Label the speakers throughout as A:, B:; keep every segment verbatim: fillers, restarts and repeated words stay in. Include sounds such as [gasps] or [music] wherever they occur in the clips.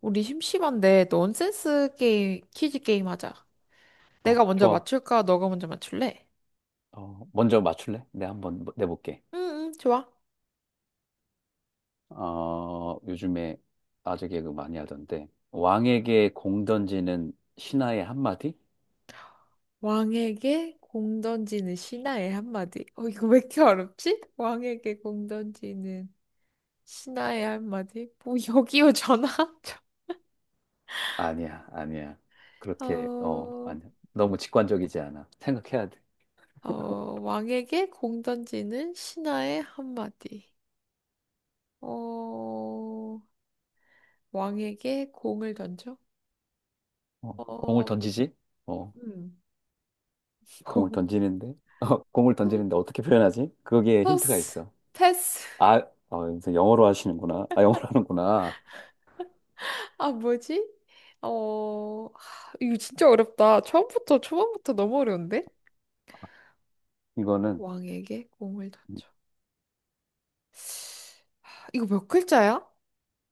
A: 우리 심심한데 넌센스 게임, 퀴즈 게임 하자.
B: 어,
A: 내가 먼저
B: 좋아.
A: 맞출까? 너가 먼저 맞출래?
B: 어, 먼저 맞출래? 내가 한번 뭐, 내볼게.
A: 응, 응, 좋아.
B: 어, 요즘에 아재 개그 많이 하던데. 왕에게 공 던지는 신하의 한마디?
A: 왕에게 공 던지는 신하의 한마디. 어, 이거 왜 이렇게 어렵지? 왕에게 공 던지는 신하의 한마디. 뭐, 여기요, 전화? [laughs]
B: 아니야, 아니야. 그렇게, 어,
A: 어,
B: 아니야. 너무 직관적이지 않아. 생각해야 돼.
A: 어, 왕에게 공 던지는 신하의 한마디. 어, 왕에게 공을 던져?
B: 어, 공을
A: 어,
B: 던지지? 어,
A: 음, [laughs]
B: 공을
A: 공.
B: 던지는데? [laughs] 어, 공을 던지는데 어떻게 표현하지? 거기에 힌트가
A: 토스,
B: 있어.
A: 패스.
B: 아, 어, 무슨 영어로 하시는구나. 아, 영어로 하는구나.
A: 아, 뭐지? 어, 하, 이거 진짜 어렵다. 처음부터, 초반부터 너무 어려운데?
B: 이거는,
A: 왕에게 공을 던져. 이거 몇 글자야?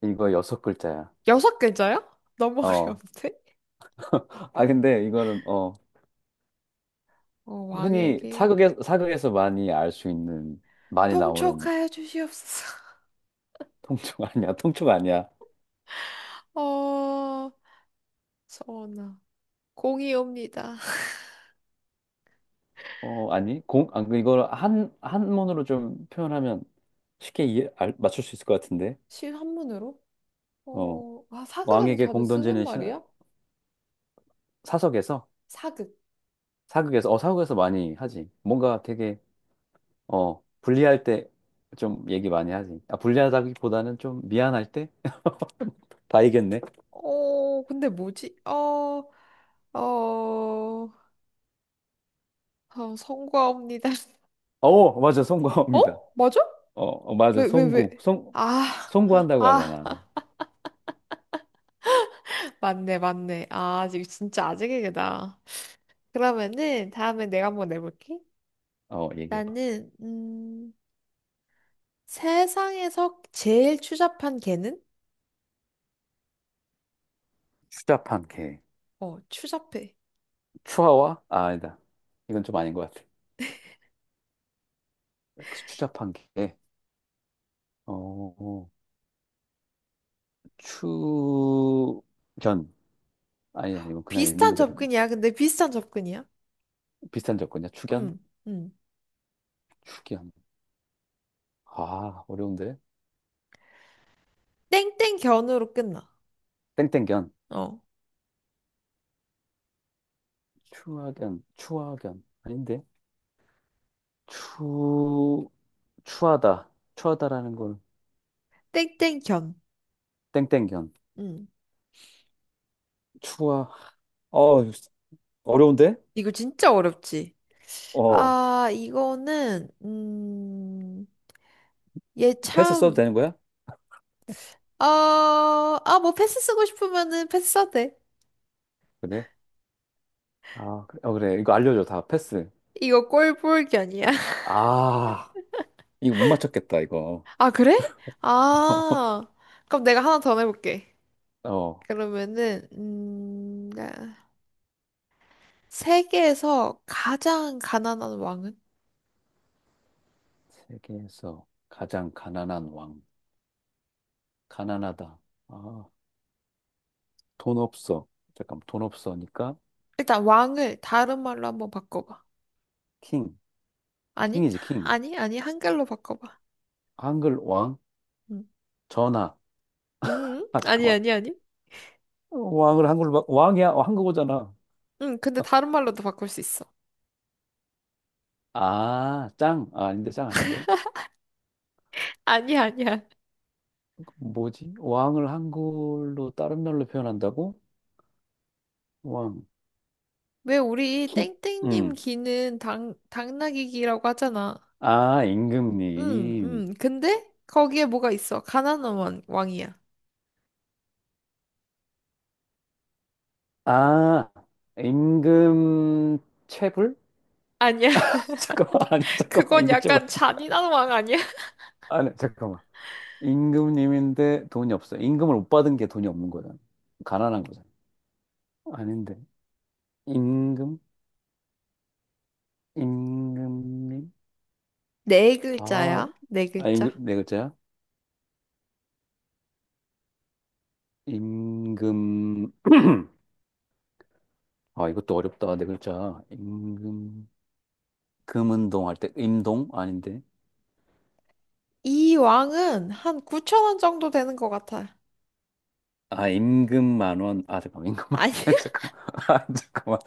B: 이거 여섯 글자야.
A: 여섯 글자야? 너무 [laughs]
B: 어.
A: 어려운데?
B: 아, 근데 이거는, 어.
A: 어,
B: 흔히
A: 왕에게
B: 사극에, 사극에서 많이 알 수 있는, 많이 나오는
A: 통촉하여 주시옵소서.
B: 통증 아니야? [laughs] 통증 아니야?
A: [laughs] 어, 서원아, 공이 옵니다.
B: 어, 아니? 공, 아, 그 이걸 한, 한문으로 좀 표현하면 쉽게 이해, 알, 맞출 수 있을 것 같은데.
A: 실한문으로?
B: 어,
A: 어, 아, 사극에서
B: 왕에게
A: 자주
B: 공
A: 쓰는
B: 던지는 신,
A: 말이야?
B: 사석에서,
A: 사극.
B: 사극에서, 어, 사극에서 많이 하지. 뭔가 되게, 어, 불리할 때 좀 얘기 많이 하지. 아, 불리하다기보다는 좀 미안할 때? [laughs] 다 이겼네.
A: 어, 근데 뭐지? 어, 어, 어, 성과옵니다. [laughs]
B: 어, 맞아,
A: 어?
B: 송구합니다.
A: 맞아?
B: 어, 어, 맞아,
A: 왜, 왜, 왜?
B: 송구. 송,
A: 아,
B: 송구한다고
A: 아,
B: 하잖아.
A: [laughs] 맞네, 맞네. 아, 지금 진짜 아재개그다. 그러면은 다음에 내가 한번 내볼게.
B: 어, 얘기해봐.
A: 나는, 음, 세상에서 제일 추잡한 개는?
B: 추잡한 개.
A: 어, 추잡해.
B: 추하와? 아, 아니다. 이건 좀 아닌 것 같아. 그 추잡한 개. 어, 어, 추견. 아니다. 이건 그냥 있는
A: 비슷한
B: 그대로.
A: 접근이야. 근데 비슷한 접근이야.
B: 비슷한 접근이야. 추견?
A: 응, 응.
B: 추견. 아, 어려운데?
A: 땡땡견으로 끝나.
B: 땡땡견.
A: 어,
B: 추하견. 추하견. 아닌데? 추, 추하다. 추하다라는 건
A: 땡땡견.
B: 땡땡견.
A: 응.
B: 추하. 어, 어려운데?
A: 이거 진짜 어렵지?
B: 어,
A: 아, 이거는, 음, 얘
B: 패스 써도
A: 참,
B: 되는 거야?
A: 어, 아, 뭐 패스 쓰고 싶으면은 패스 써도 돼.
B: 그래? 아, 그래. 어, 그래. 이거 알려줘. 다 패스.
A: 이거 꼴보기 아니야. [laughs]
B: 아, 이거 못 맞췄겠다, 이거.
A: 아, 그래?
B: [laughs]
A: 아, 그럼 내가 하나 더 해볼게.
B: 어,
A: 그러면은, 음, 아, 세계에서 가장 가난한 왕은?
B: 세계에서 가장 가난한 왕. 가난하다. 아, 돈 없어. 잠깐, 돈 없어니까
A: 일단 왕을 다른 말로 한번 바꿔봐.
B: 킹.
A: 아니?
B: 킹이지, 킹.
A: 아니? 아니? 한글로 바꿔봐.
B: 한글 왕.
A: 음,
B: 전하. [laughs]
A: 음,
B: 아,
A: 아니,
B: 잠깐만.
A: 아니, 아니.
B: 왕을 한글로, 바- 왕이야. 어, 한국어잖아.
A: 응, 근데 다른 말로도 바꿀 수 있어.
B: 아, 짱. 아, 아닌데, 짱 아닌데.
A: 아니, 아니야. 아니야.
B: 뭐지? 왕을 한글로 다른 말로 표현한다고? 왕.
A: 왜 우리
B: 킹.
A: 땡땡님
B: 음.
A: 귀는 당, 당나귀 귀라고 하잖아.
B: 아,
A: 응,
B: 임금님.
A: 응. 근데 거기에 뭐가 있어? 가난한 왕, 왕이야.
B: 아, 임금 체불?
A: 아니야.
B: [laughs] 잠깐만, 아니,
A: [laughs]
B: 잠깐만,
A: 그건
B: 임금 체불.
A: 약간 잔인한 왕 아니야?
B: 아니, 잠깐만. 임금님인데 돈이 없어. 임금을 못 받은 게 돈이 없는 거잖아. 가난한 거잖아. 아닌데. 임금? 임금님?
A: 네
B: 아,
A: 글자야. 네
B: 아, 임금,
A: 글자.
B: 네 글자야? 임금. 아, 이것도 어렵다. 네 글자. 임금. 금은동 할 때, 임동? 아닌데.
A: 이 왕은 한 구천 원 정도 되는 것 같아.
B: 아, 임금 만 원. 아, 잠깐만, 임금 만 원.
A: 아니,
B: [laughs]
A: [laughs]
B: 잠깐만. 아, 잠깐만.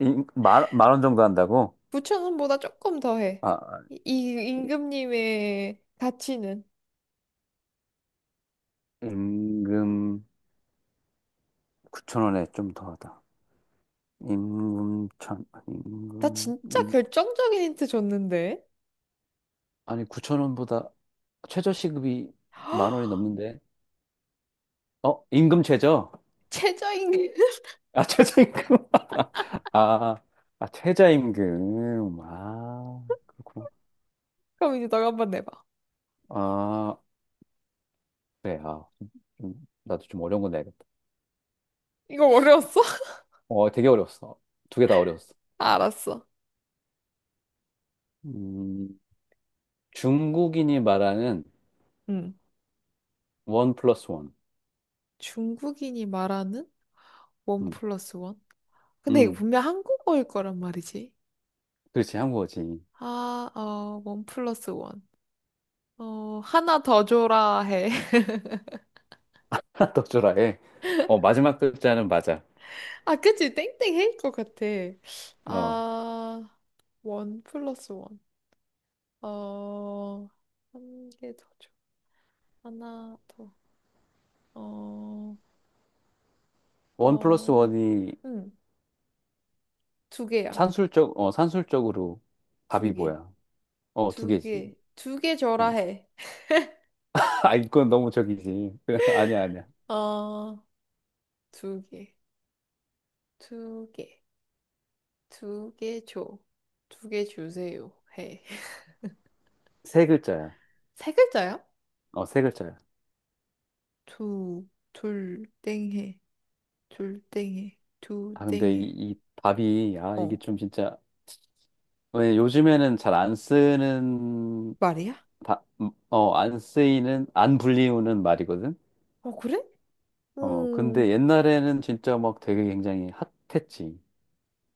B: 임, 만, 만원 정도 한다고?
A: 구천 원보다 조금 더 해.
B: 아,
A: 이, 이 임금님의 가치는.
B: 임금 구천 원에 좀 더 하다. 임금 천,
A: 나
B: 임금,
A: 진짜
B: 임,
A: 결정적인 힌트 줬는데.
B: 아니 구천 원보다 최저 시급이 만 원이
A: [gasps]
B: 넘는데. 어, 임금 최저?
A: 최저임금. [laughs]
B: 아, [laughs] 최저임금. [laughs] 아, 아, 최저임금. 아, 그렇구나.
A: 그럼 이제 너가 한번 내봐.
B: 아, 그래. 아, 좀, 좀- 나도 좀 어려운 거 내야겠다.
A: 이거 어려웠어? [laughs]
B: 어, 되게 어려웠어. 두 개 다 어려웠어.
A: 알았어.
B: 음, 중국인이 말하는
A: 응.
B: 원 플러스 원.
A: 중국인이 말하는 원
B: 음,
A: 플러스 원? 근데 이거
B: 음.
A: 분명 한국어일 거란 말이지.
B: 그렇지, 한국어지.
A: 아, 어, 원 플러스 원. 어, 하나 더 줘라 해. [laughs]
B: [laughs] 떡주라에. 어, 마지막 글자는 맞아.
A: 아, 그치. 땡땡 해일 것 같아.
B: 어,
A: 아, 원 플러스 원. 어, 한 개 더 줘. 하나 더. 어,
B: 원 플러스
A: 어,
B: 원이
A: 응. 두 개야.
B: 산술적, 어, 산술적으로
A: 두
B: 답이
A: 개.
B: 뭐야? 어, 두
A: 두
B: 개지.
A: 개. 두 개 줘라
B: 어,
A: 해.
B: [laughs] 아, 이건 너무 적이지. [laughs] 아니야, 아니야.
A: 어, 두 개. 두 개. 두 개 줘. 두 개 주세요. 해. [laughs]
B: 세 글자야.
A: 세 글자야?
B: 어, 세 글자야.
A: 두, 둘, 땡해. 둘, 땡해. 두,
B: 아, 근데 이,
A: 땡해.
B: 이 답이, 아, 이게
A: 어,
B: 좀 진짜, 왜 요즘에는 잘 안 쓰는,
A: 말이야?
B: 다, 음, 어, 안 쓰이는, 안 불리우는 말이거든?
A: 어, 그래?
B: 어,
A: 음,
B: 근데 옛날에는 진짜 막 되게 굉장히 핫했지.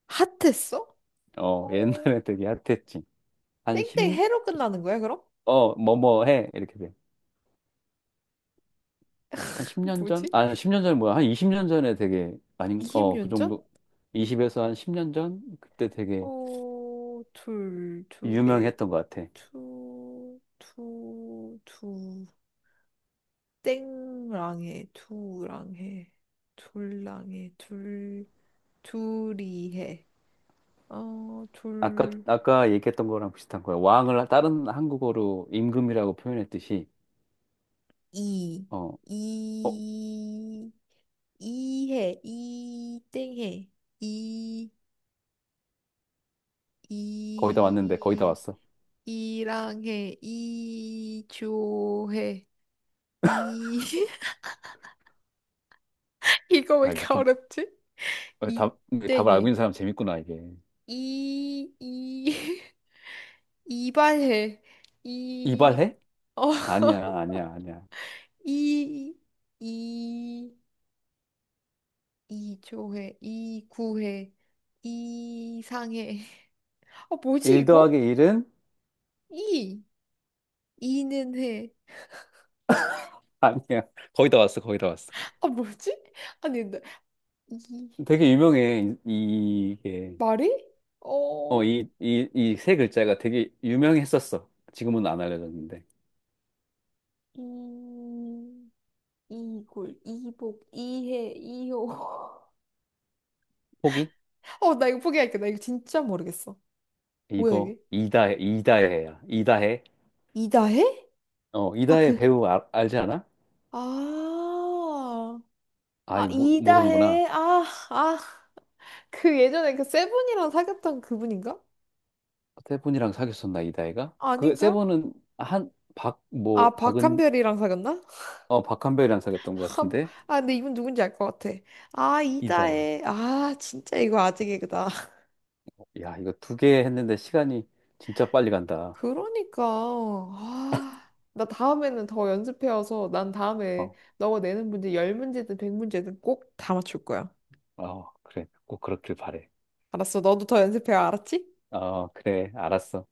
A: 핫했어?
B: 어,
A: 어,
B: 옛날에 되게 핫했지. 한 십,
A: 땡땡해로 끝나는 거야, 그럼?
B: 어, 뭐뭐 해. 이렇게 돼. 한 십 년
A: 뭐지?
B: 전? 아, 십 년 전이 뭐야. 한 이십 년 전에 되게, 아닌,
A: 이십
B: 어, 그
A: 년 전?
B: 정도. 이십에서 한 십 년 전? 그때 되게
A: 어, 둘, 두 개,
B: 유명했던 것 같아.
A: 투, 투, 두, 땡랑해, 두랑해, 둘랑해, 둘, 둘이해. 어,
B: 아까,
A: 둘
B: 아까 얘기했던 거랑 비슷한 거야. 왕을 다른 한국어로 임금이라고 표현했듯이,
A: 이,
B: 어, 어,
A: 이, 이해, 이땡해, 이,
B: 거의 다 왔는데, 거의 다
A: 이,
B: 왔어.
A: 이랑해, 이조해, 이, [laughs] 이거 왜
B: 아,
A: 이렇게
B: 이렇게,
A: 어렵지?
B: 어, 답, 답을 알고
A: 이땡해,
B: 있는 사람 재밌구나, 이게.
A: 이, 이, [laughs] 이발해, 이,
B: 이발해?
A: 어,
B: 아니야, 아니야, 아니야.
A: 이, 이, 이조해, 이구해, 이상해. 아, 뭐지
B: 일 더하기
A: 이거?
B: 일은?
A: 이 이는 해.
B: [laughs] 아니야. 거의 다 왔어, 거의 다 왔어.
A: 아, 뭐지? 아니, 근데 이
B: 되게 유명해. 이- 이게
A: 말이?
B: 어,
A: 어,
B: 이, 이, 이 세 글자가 되게 유명했었어. 지금은 안 알려졌는데.
A: 이 이골 이복 이해 이호.
B: 포기?
A: [laughs] 어, 나 이거 포기할게. 나 이거 진짜 모르겠어. 뭐야
B: 이거
A: 이게?
B: 이다해, 이다해야. 이다해.
A: 이다해?
B: 어,
A: 아,
B: 이다해
A: 그.
B: 배우 알, 알지 않아?
A: 아, 아
B: 아이 모, 모르는구나.
A: 이다해. 아, 아. 그 예전에 그 세븐이랑 사귀었던 그분인가?
B: 세븐이랑 사귀었었나 이다해가? 그
A: 아닌가?
B: 세븐은 한 박
A: 아,
B: 뭐 박은
A: 박한별이랑 사귀었나?
B: 어 박한별이랑 사귀었던 것
A: 아, 뭐-
B: 같은데
A: 아, 근데 이분 누군지 알 것 같아. 아,
B: 이다해.
A: 이다혜. 아, 진짜 이거 아재 개그다. [laughs]
B: 야 이거 두 개 했는데 시간이 진짜 빨리 간다.
A: 그러니까. 아, 나 다음에는 더 연습해와서 난 다음에
B: 어,
A: 너가 내는 문제 십 문제든 백 문제든 꼭 다 맞출 거야.
B: 어 그래 꼭 그렇길 바래.
A: 알았어. 너도 더 연습해와. 알았지?
B: 어 그래 알았어.